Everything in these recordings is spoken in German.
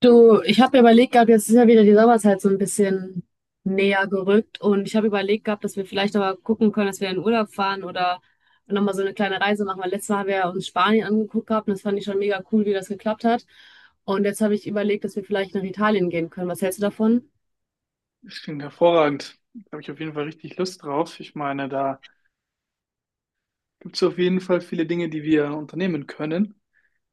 Du, ich habe mir überlegt gehabt, jetzt ist ja wieder die Sommerzeit so ein bisschen näher gerückt und ich habe überlegt gehabt, dass wir vielleicht aber gucken können, dass wir in den Urlaub fahren oder nochmal so eine kleine Reise machen, weil letztes Mal haben wir ja uns Spanien angeguckt gehabt und das fand ich schon mega cool, wie das geklappt hat. Und jetzt habe ich überlegt, dass wir vielleicht nach Italien gehen können. Was hältst du davon? Das klingt hervorragend. Da habe ich auf jeden Fall richtig Lust drauf. Ich meine, da gibt es auf jeden Fall viele Dinge, die wir unternehmen können.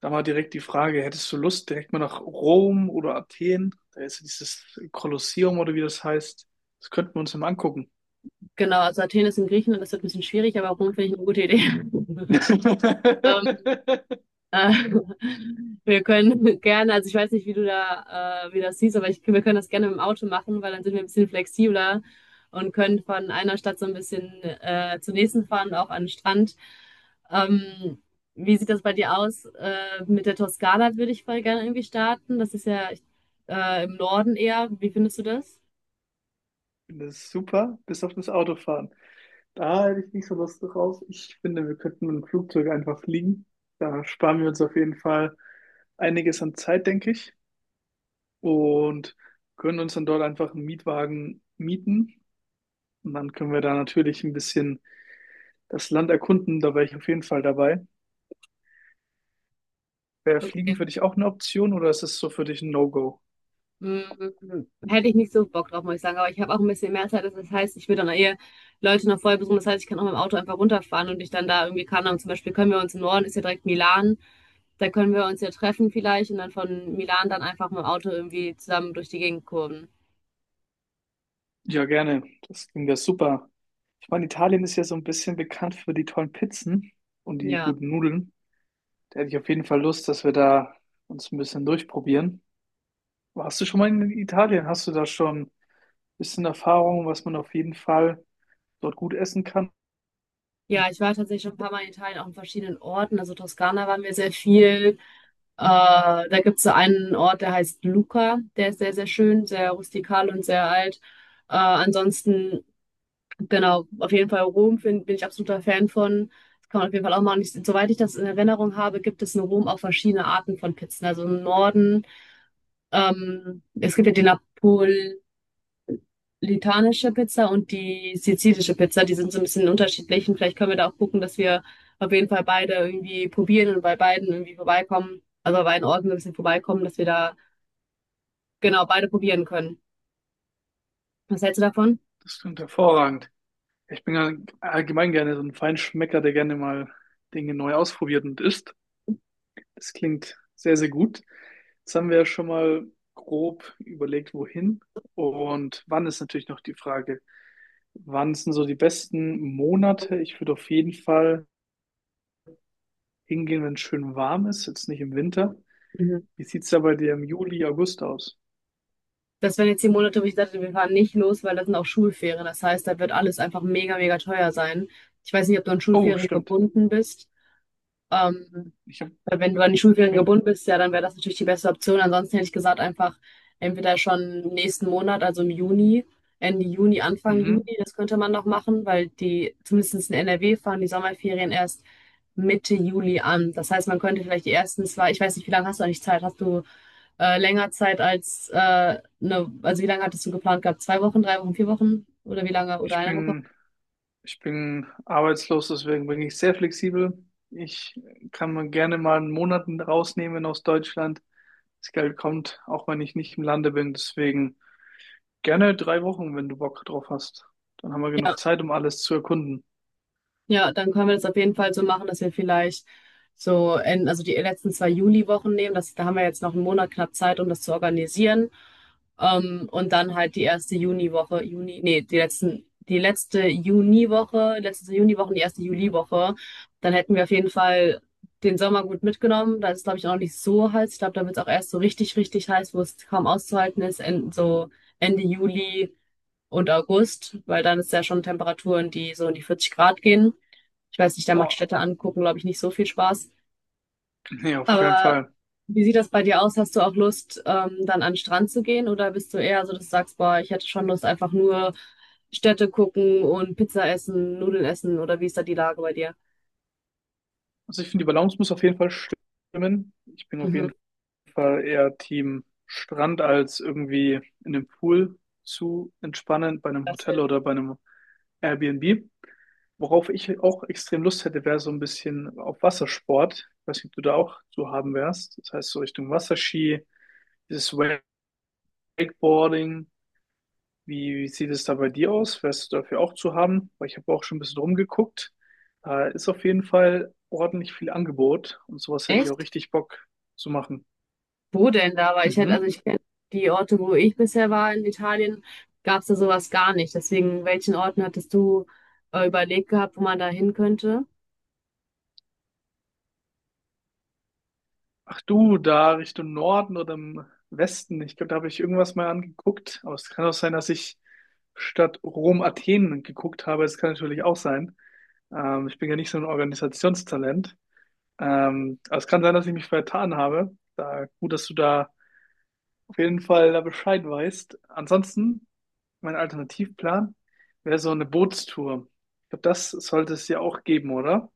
Da mal direkt die Frage, hättest du Lust, direkt mal nach Rom oder Athen? Da ist ja dieses Kolosseum oder wie das heißt. Das könnten wir uns ja mal angucken. Genau, also Athen ist in Griechenland, das wird ein bisschen schwierig, aber Rom finde ich eine gute Idee. Ähm, Äh, wir können gerne, also ich weiß nicht, wie du da, wie das siehst, aber ich, wir können das gerne mit dem Auto machen, weil dann sind wir ein bisschen flexibler und können von einer Stadt so ein bisschen zur nächsten fahren, auch an den Strand. Ähm, wie sieht das bei dir aus? Mit der Toskana würde ich voll gerne irgendwie starten. Das ist ja im Norden eher. Wie findest du das? Ich finde das super, bis auf das Autofahren. Da hätte ich nicht so Lust drauf. Ich finde, wir könnten mit dem Flugzeug einfach fliegen. Da sparen wir uns auf jeden Fall einiges an Zeit, denke ich, und können uns dann dort einfach einen Mietwagen mieten. Und dann können wir da natürlich ein bisschen das Land erkunden. Da wäre ich auf jeden Fall dabei. Wäre Fliegen für dich auch eine Option oder ist es so für dich ein No-Go? Mm, Hätte ich nicht so Bock drauf, muss ich sagen. Aber ich habe auch ein bisschen mehr Zeit. Das heißt, ich würde dann eher Leute noch vorher besuchen. Das heißt, ich kann auch mit dem Auto einfach runterfahren und ich dann da irgendwie kann. Und zum Beispiel können wir uns im Norden, ist ja direkt Milan. Da können wir uns ja treffen vielleicht und dann von Milan dann einfach mit dem Auto irgendwie zusammen durch die Gegend kurven. Ja, gerne. Das klingt ja super. Ich meine, Italien ist ja so ein bisschen bekannt für die tollen Pizzen und die Ja. guten Nudeln. Da hätte ich auf jeden Fall Lust, dass wir da uns ein bisschen durchprobieren. Warst du schon mal in Italien? Hast du da schon ein bisschen Erfahrung, was man auf jeden Fall dort gut essen kann? Ja, ich war tatsächlich schon ein paar Mal in Italien, auch in verschiedenen Orten. Also Toskana waren wir sehr viel. Äh, da gibt es so einen Ort, der heißt Lucca. Der ist sehr, sehr schön, sehr rustikal und sehr alt. Ansonsten, genau, auf jeden Fall Rom bin ich absoluter Fan von. Das kann man auf jeden Fall auch machen. Ich, soweit ich das in Erinnerung habe, gibt es in Rom auch verschiedene Arten von Pizzen. Also im Norden, es gibt ja die napolitanische Pizza und die sizilische Pizza. Die sind so ein bisschen unterschiedlich. Und vielleicht können wir da auch gucken, dass wir auf jeden Fall beide irgendwie probieren und bei beiden irgendwie vorbeikommen. Also bei beiden Orten so ein bisschen vorbeikommen, dass wir da genau beide probieren können. Was hältst du davon? Das klingt hervorragend. Ich bin ja allgemein gerne so ein Feinschmecker, der gerne mal Dinge neu ausprobiert und isst. Das klingt sehr, sehr gut. Jetzt haben wir ja schon mal grob überlegt, wohin. Und wann ist natürlich noch die Frage. Wann sind so die besten Monate? Ich würde auf jeden Fall hingehen, wenn es schön warm ist, jetzt nicht im Winter. Wie sieht es da bei dir im Juli, August aus? Das wären jetzt die Monate, wo ich dachte, wir fahren nicht los, weil das sind auch Schulferien. Das heißt, da wird alles einfach mega, mega teuer sein. Ich weiß nicht, ob du an Oh, Schulferien stimmt. gebunden bist. Ähm, Ich hab, weil wenn du an die ich Schulferien bin, gebunden bist, ja, dann wäre das natürlich die beste Option. Ansonsten hätte ich gesagt, einfach entweder schon im nächsten Monat, also im Juni, Ende Juni, Anfang Juni, mhm. das könnte man noch machen, weil die, zumindest in NRW, fahren die Sommerferien erst Mitte Juli an. Das heißt, man könnte vielleicht die ersten zwei, ich weiß nicht, wie lange hast du eigentlich Zeit? Hast du länger Zeit als eine, also wie lange hattest du geplant gehabt? 2 Wochen, 3 Wochen, 4 Wochen oder wie lange? Oder Ich eine Woche? bin, ich bin arbeitslos, deswegen bin ich sehr flexibel. Ich kann mir gerne mal einen Monat rausnehmen aus Deutschland. Das Geld kommt, auch wenn ich nicht im Lande bin. Deswegen gerne 3 Wochen, wenn du Bock drauf hast. Dann haben wir Ja. genug Zeit, um alles zu erkunden. Ja, dann können wir das auf jeden Fall so machen, dass wir vielleicht so in, also die letzten zwei Juliwochen nehmen. Das, da haben wir jetzt noch einen Monat knapp Zeit, um das zu organisieren. Und dann halt die erste Juniwoche, Juni, nee, die letzten, die letzte Juniwoche und die erste Juliwoche. Dann hätten wir auf jeden Fall den Sommer gut mitgenommen. Da ist es, glaube ich, noch nicht so heiß. Ich glaube, da wird es auch erst so richtig, richtig heiß, wo es kaum auszuhalten ist, in, so Ende Juli und August, weil dann ist ja schon Temperaturen, die so in die 40 Grad gehen. Ich weiß nicht, da macht Boah, Städte angucken, glaube ich, nicht so viel Spaß. nee, auf keinen Aber Fall. wie sieht das bei dir aus? Hast du auch Lust, dann an den Strand zu gehen? Oder bist du eher so, dass du sagst, boah, ich hätte schon Lust, einfach nur Städte gucken und Pizza essen, Nudeln essen? Oder wie ist da die Lage bei dir? Also ich finde, die Balance muss auf jeden Fall stimmen. Ich bin auf Mhm. jeden Fall eher Team Strand als irgendwie in einem Pool zu entspannen bei einem Das Hotel hilft. oder bei einem Airbnb. Worauf ich auch extrem Lust hätte, wäre so ein bisschen auf Wassersport. Ich weiß nicht, ob du da auch zu haben wärst. Das heißt, so Richtung Wasserski, dieses Wakeboarding. Wie sieht es da bei dir aus? Wärst du dafür auch zu haben? Weil ich habe auch schon ein bisschen rumgeguckt. Da ist auf jeden Fall ordentlich viel Angebot und sowas hätte ich auch Echt? richtig Bock zu machen. Wo denn da? Weil ich hätte, also Mhm. ich kenn die Orte, wo ich bisher war in Italien, gab es da sowas gar nicht. Deswegen, welchen Orten hattest du überlegt gehabt, wo man da hin könnte? Ach du, da Richtung Norden oder im Westen. Ich glaube, da habe ich irgendwas mal angeguckt. Aber es kann auch sein, dass ich statt Rom Athen geguckt habe. Es kann natürlich auch sein. Ich bin ja nicht so ein Organisationstalent. Aber es kann sein, dass ich mich vertan habe. Da, gut, dass du da auf jeden Fall da Bescheid weißt. Ansonsten, mein Alternativplan wäre so eine Bootstour. Ich glaube, das sollte es ja auch geben, oder?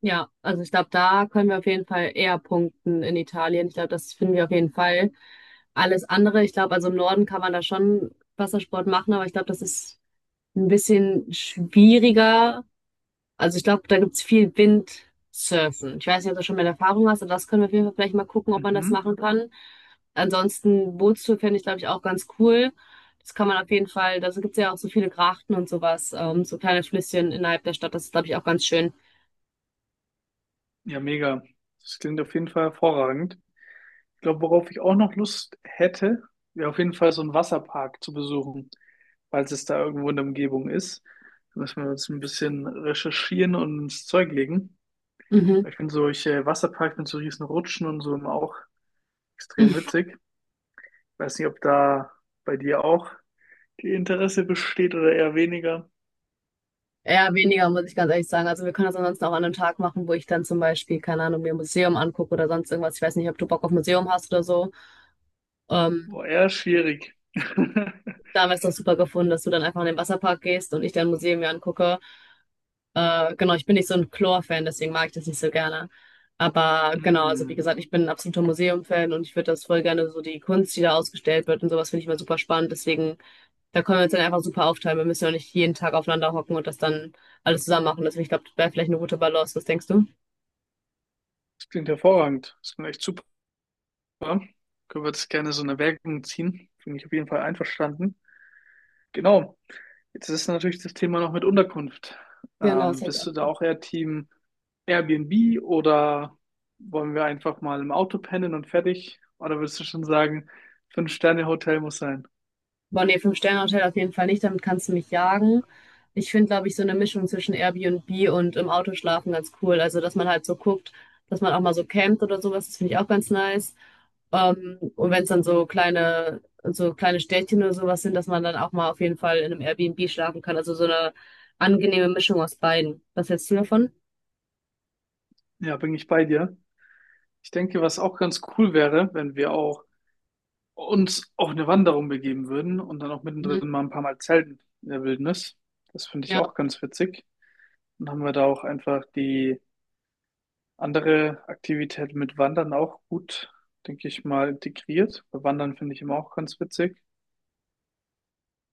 Ja, also ich glaube, da können wir auf jeden Fall eher punkten in Italien. Ich glaube, das finden wir auf jeden Fall. Alles andere, ich glaube, also im Norden kann man da schon Wassersport machen, aber ich glaube, das ist ein bisschen schwieriger. Also ich glaube, da gibt es viel Windsurfen. Ich weiß nicht, ob du schon mal Erfahrung hast, aber das können wir auf jeden Fall vielleicht mal gucken, ob man das Mhm. machen kann. Ansonsten Bootstour fände ich, glaube ich, auch ganz cool. Das kann man auf jeden Fall, da gibt es ja auch so viele Grachten und sowas, so kleine Flüsschen innerhalb der Stadt. Das ist, glaube ich, auch ganz schön. Ja, mega. Das klingt auf jeden Fall hervorragend. Ich glaube, worauf ich auch noch Lust hätte, wäre auf jeden Fall so einen Wasserpark zu besuchen, falls es da irgendwo in der Umgebung ist. Da müssen wir uns ein bisschen recherchieren und ins Zeug legen. Mhm. Weil ich finde solche Wasserparks mit so riesen Rutschen und so immer auch extrem witzig. Weiß nicht, ob da bei dir auch die Interesse besteht oder eher weniger. Eher weniger, muss ich ganz ehrlich sagen. Also wir können das ansonsten auch an einem Tag machen, wo ich dann zum Beispiel, keine Ahnung, mir ein Museum angucke oder sonst irgendwas. Ich weiß nicht, ob du Bock auf Museum hast oder so. Ähm, Boah, eher schwierig. da haben wir es doch super gefunden, dass du dann einfach in den Wasserpark gehst und ich dann ein Museum mir angucke. Genau, ich bin nicht so ein Chlor-Fan, deswegen mag ich das nicht so gerne. Aber genau, also wie Hm, gesagt, ich bin ein absoluter Museum-Fan und ich würde das voll gerne so die Kunst, die da ausgestellt wird und sowas finde ich immer super spannend. Deswegen, da können wir uns dann einfach super aufteilen. Wir müssen ja nicht jeden Tag aufeinander hocken und das dann alles zusammen machen. Deswegen, ich glaube, das wäre vielleicht eine gute Balance. Was denkst du? das klingt hervorragend. Das klingt echt super. Können wir das gerne so in Erwägung ziehen? Bin ich auf jeden Fall einverstanden. Genau. Jetzt ist natürlich das Thema noch mit Unterkunft. Genau, das hab ich Bist du auch da gemacht. auch eher Team Airbnb oder wollen wir einfach mal im Auto pennen und fertig? Oder würdest du schon sagen, Fünf-Sterne-Hotel muss sein? Boah, nee, Fünf-Sterne-Hotel auf jeden Fall nicht, damit kannst du mich jagen. Ich finde, glaube ich, so eine Mischung zwischen Airbnb und im Auto schlafen ganz cool. Also, dass man halt so guckt, dass man auch mal so campt oder sowas, das finde ich auch ganz nice. Und wenn es dann so kleine Städtchen oder sowas sind, dass man dann auch mal auf jeden Fall in einem Airbnb schlafen kann. Also so eine angenehme Mischung aus beiden. Was hältst du davon? Ja, bin ich bei dir. Ich denke, was auch ganz cool wäre, wenn wir auch uns auf eine Wanderung begeben würden und dann auch mittendrin Mhm. mal ein paar Mal zelten in der Wildnis. Das finde ich Ja. auch ganz witzig. Und haben wir da auch einfach die andere Aktivität mit Wandern auch gut, denke ich mal, integriert. Bei Wandern finde ich immer auch ganz witzig.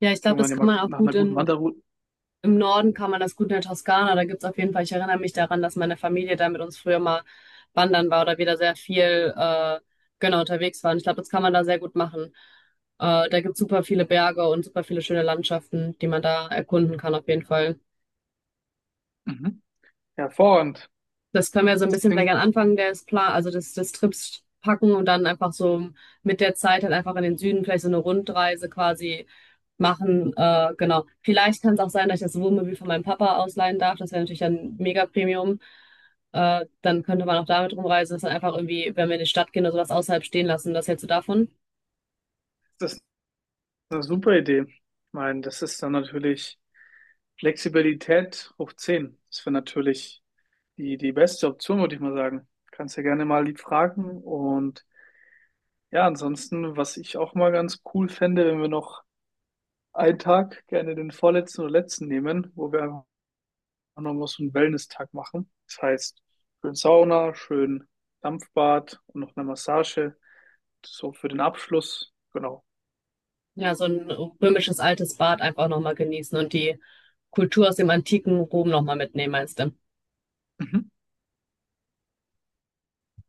Ja, ich glaube, Wenn man das kann immer man auch nach einer gut guten in Wanderroute. Im Norden kann man das gut in der Toskana. Da gibt es auf jeden Fall, ich erinnere mich daran, dass meine Familie da mit uns früher mal wandern war oder wieder sehr viel genau unterwegs waren. Ich glaube, das kann man da sehr gut machen. Da gibt's super viele Berge und super viele schöne Landschaften, die man da erkunden kann auf jeden Fall. Mhm. Hervorragend. Das können wir so ein Das bisschen vielleicht klingt, am Anfang des Plan, also des, des Trips packen und dann einfach so mit der Zeit halt einfach in den Süden vielleicht so eine Rundreise quasi machen. Genau. Vielleicht kann es auch sein, dass ich das Wohnmobil von meinem Papa ausleihen darf. Das wäre natürlich ein mega Premium. Dann könnte man auch damit rumreisen, dass dann einfach irgendwie, wenn wir in die Stadt gehen oder sowas außerhalb stehen lassen. Was hältst du davon? das ist eine super Idee. Ich meine, das ist dann natürlich Flexibilität hoch 10. Das wäre natürlich die beste Option, würde ich mal sagen. Kannst ja gerne mal lieb fragen. Und ja, ansonsten, was ich auch mal ganz cool fände, wenn wir noch einen Tag, gerne den vorletzten oder letzten nehmen, wo wir einfach nochmal so einen Wellness-Tag machen. Das heißt, schön Sauna, schön Dampfbad und noch eine Massage. So für den Abschluss. Genau. Ja, so ein römisches altes Bad einfach nochmal genießen und die Kultur aus dem antiken Rom nochmal mitnehmen, meinst du? Mhm.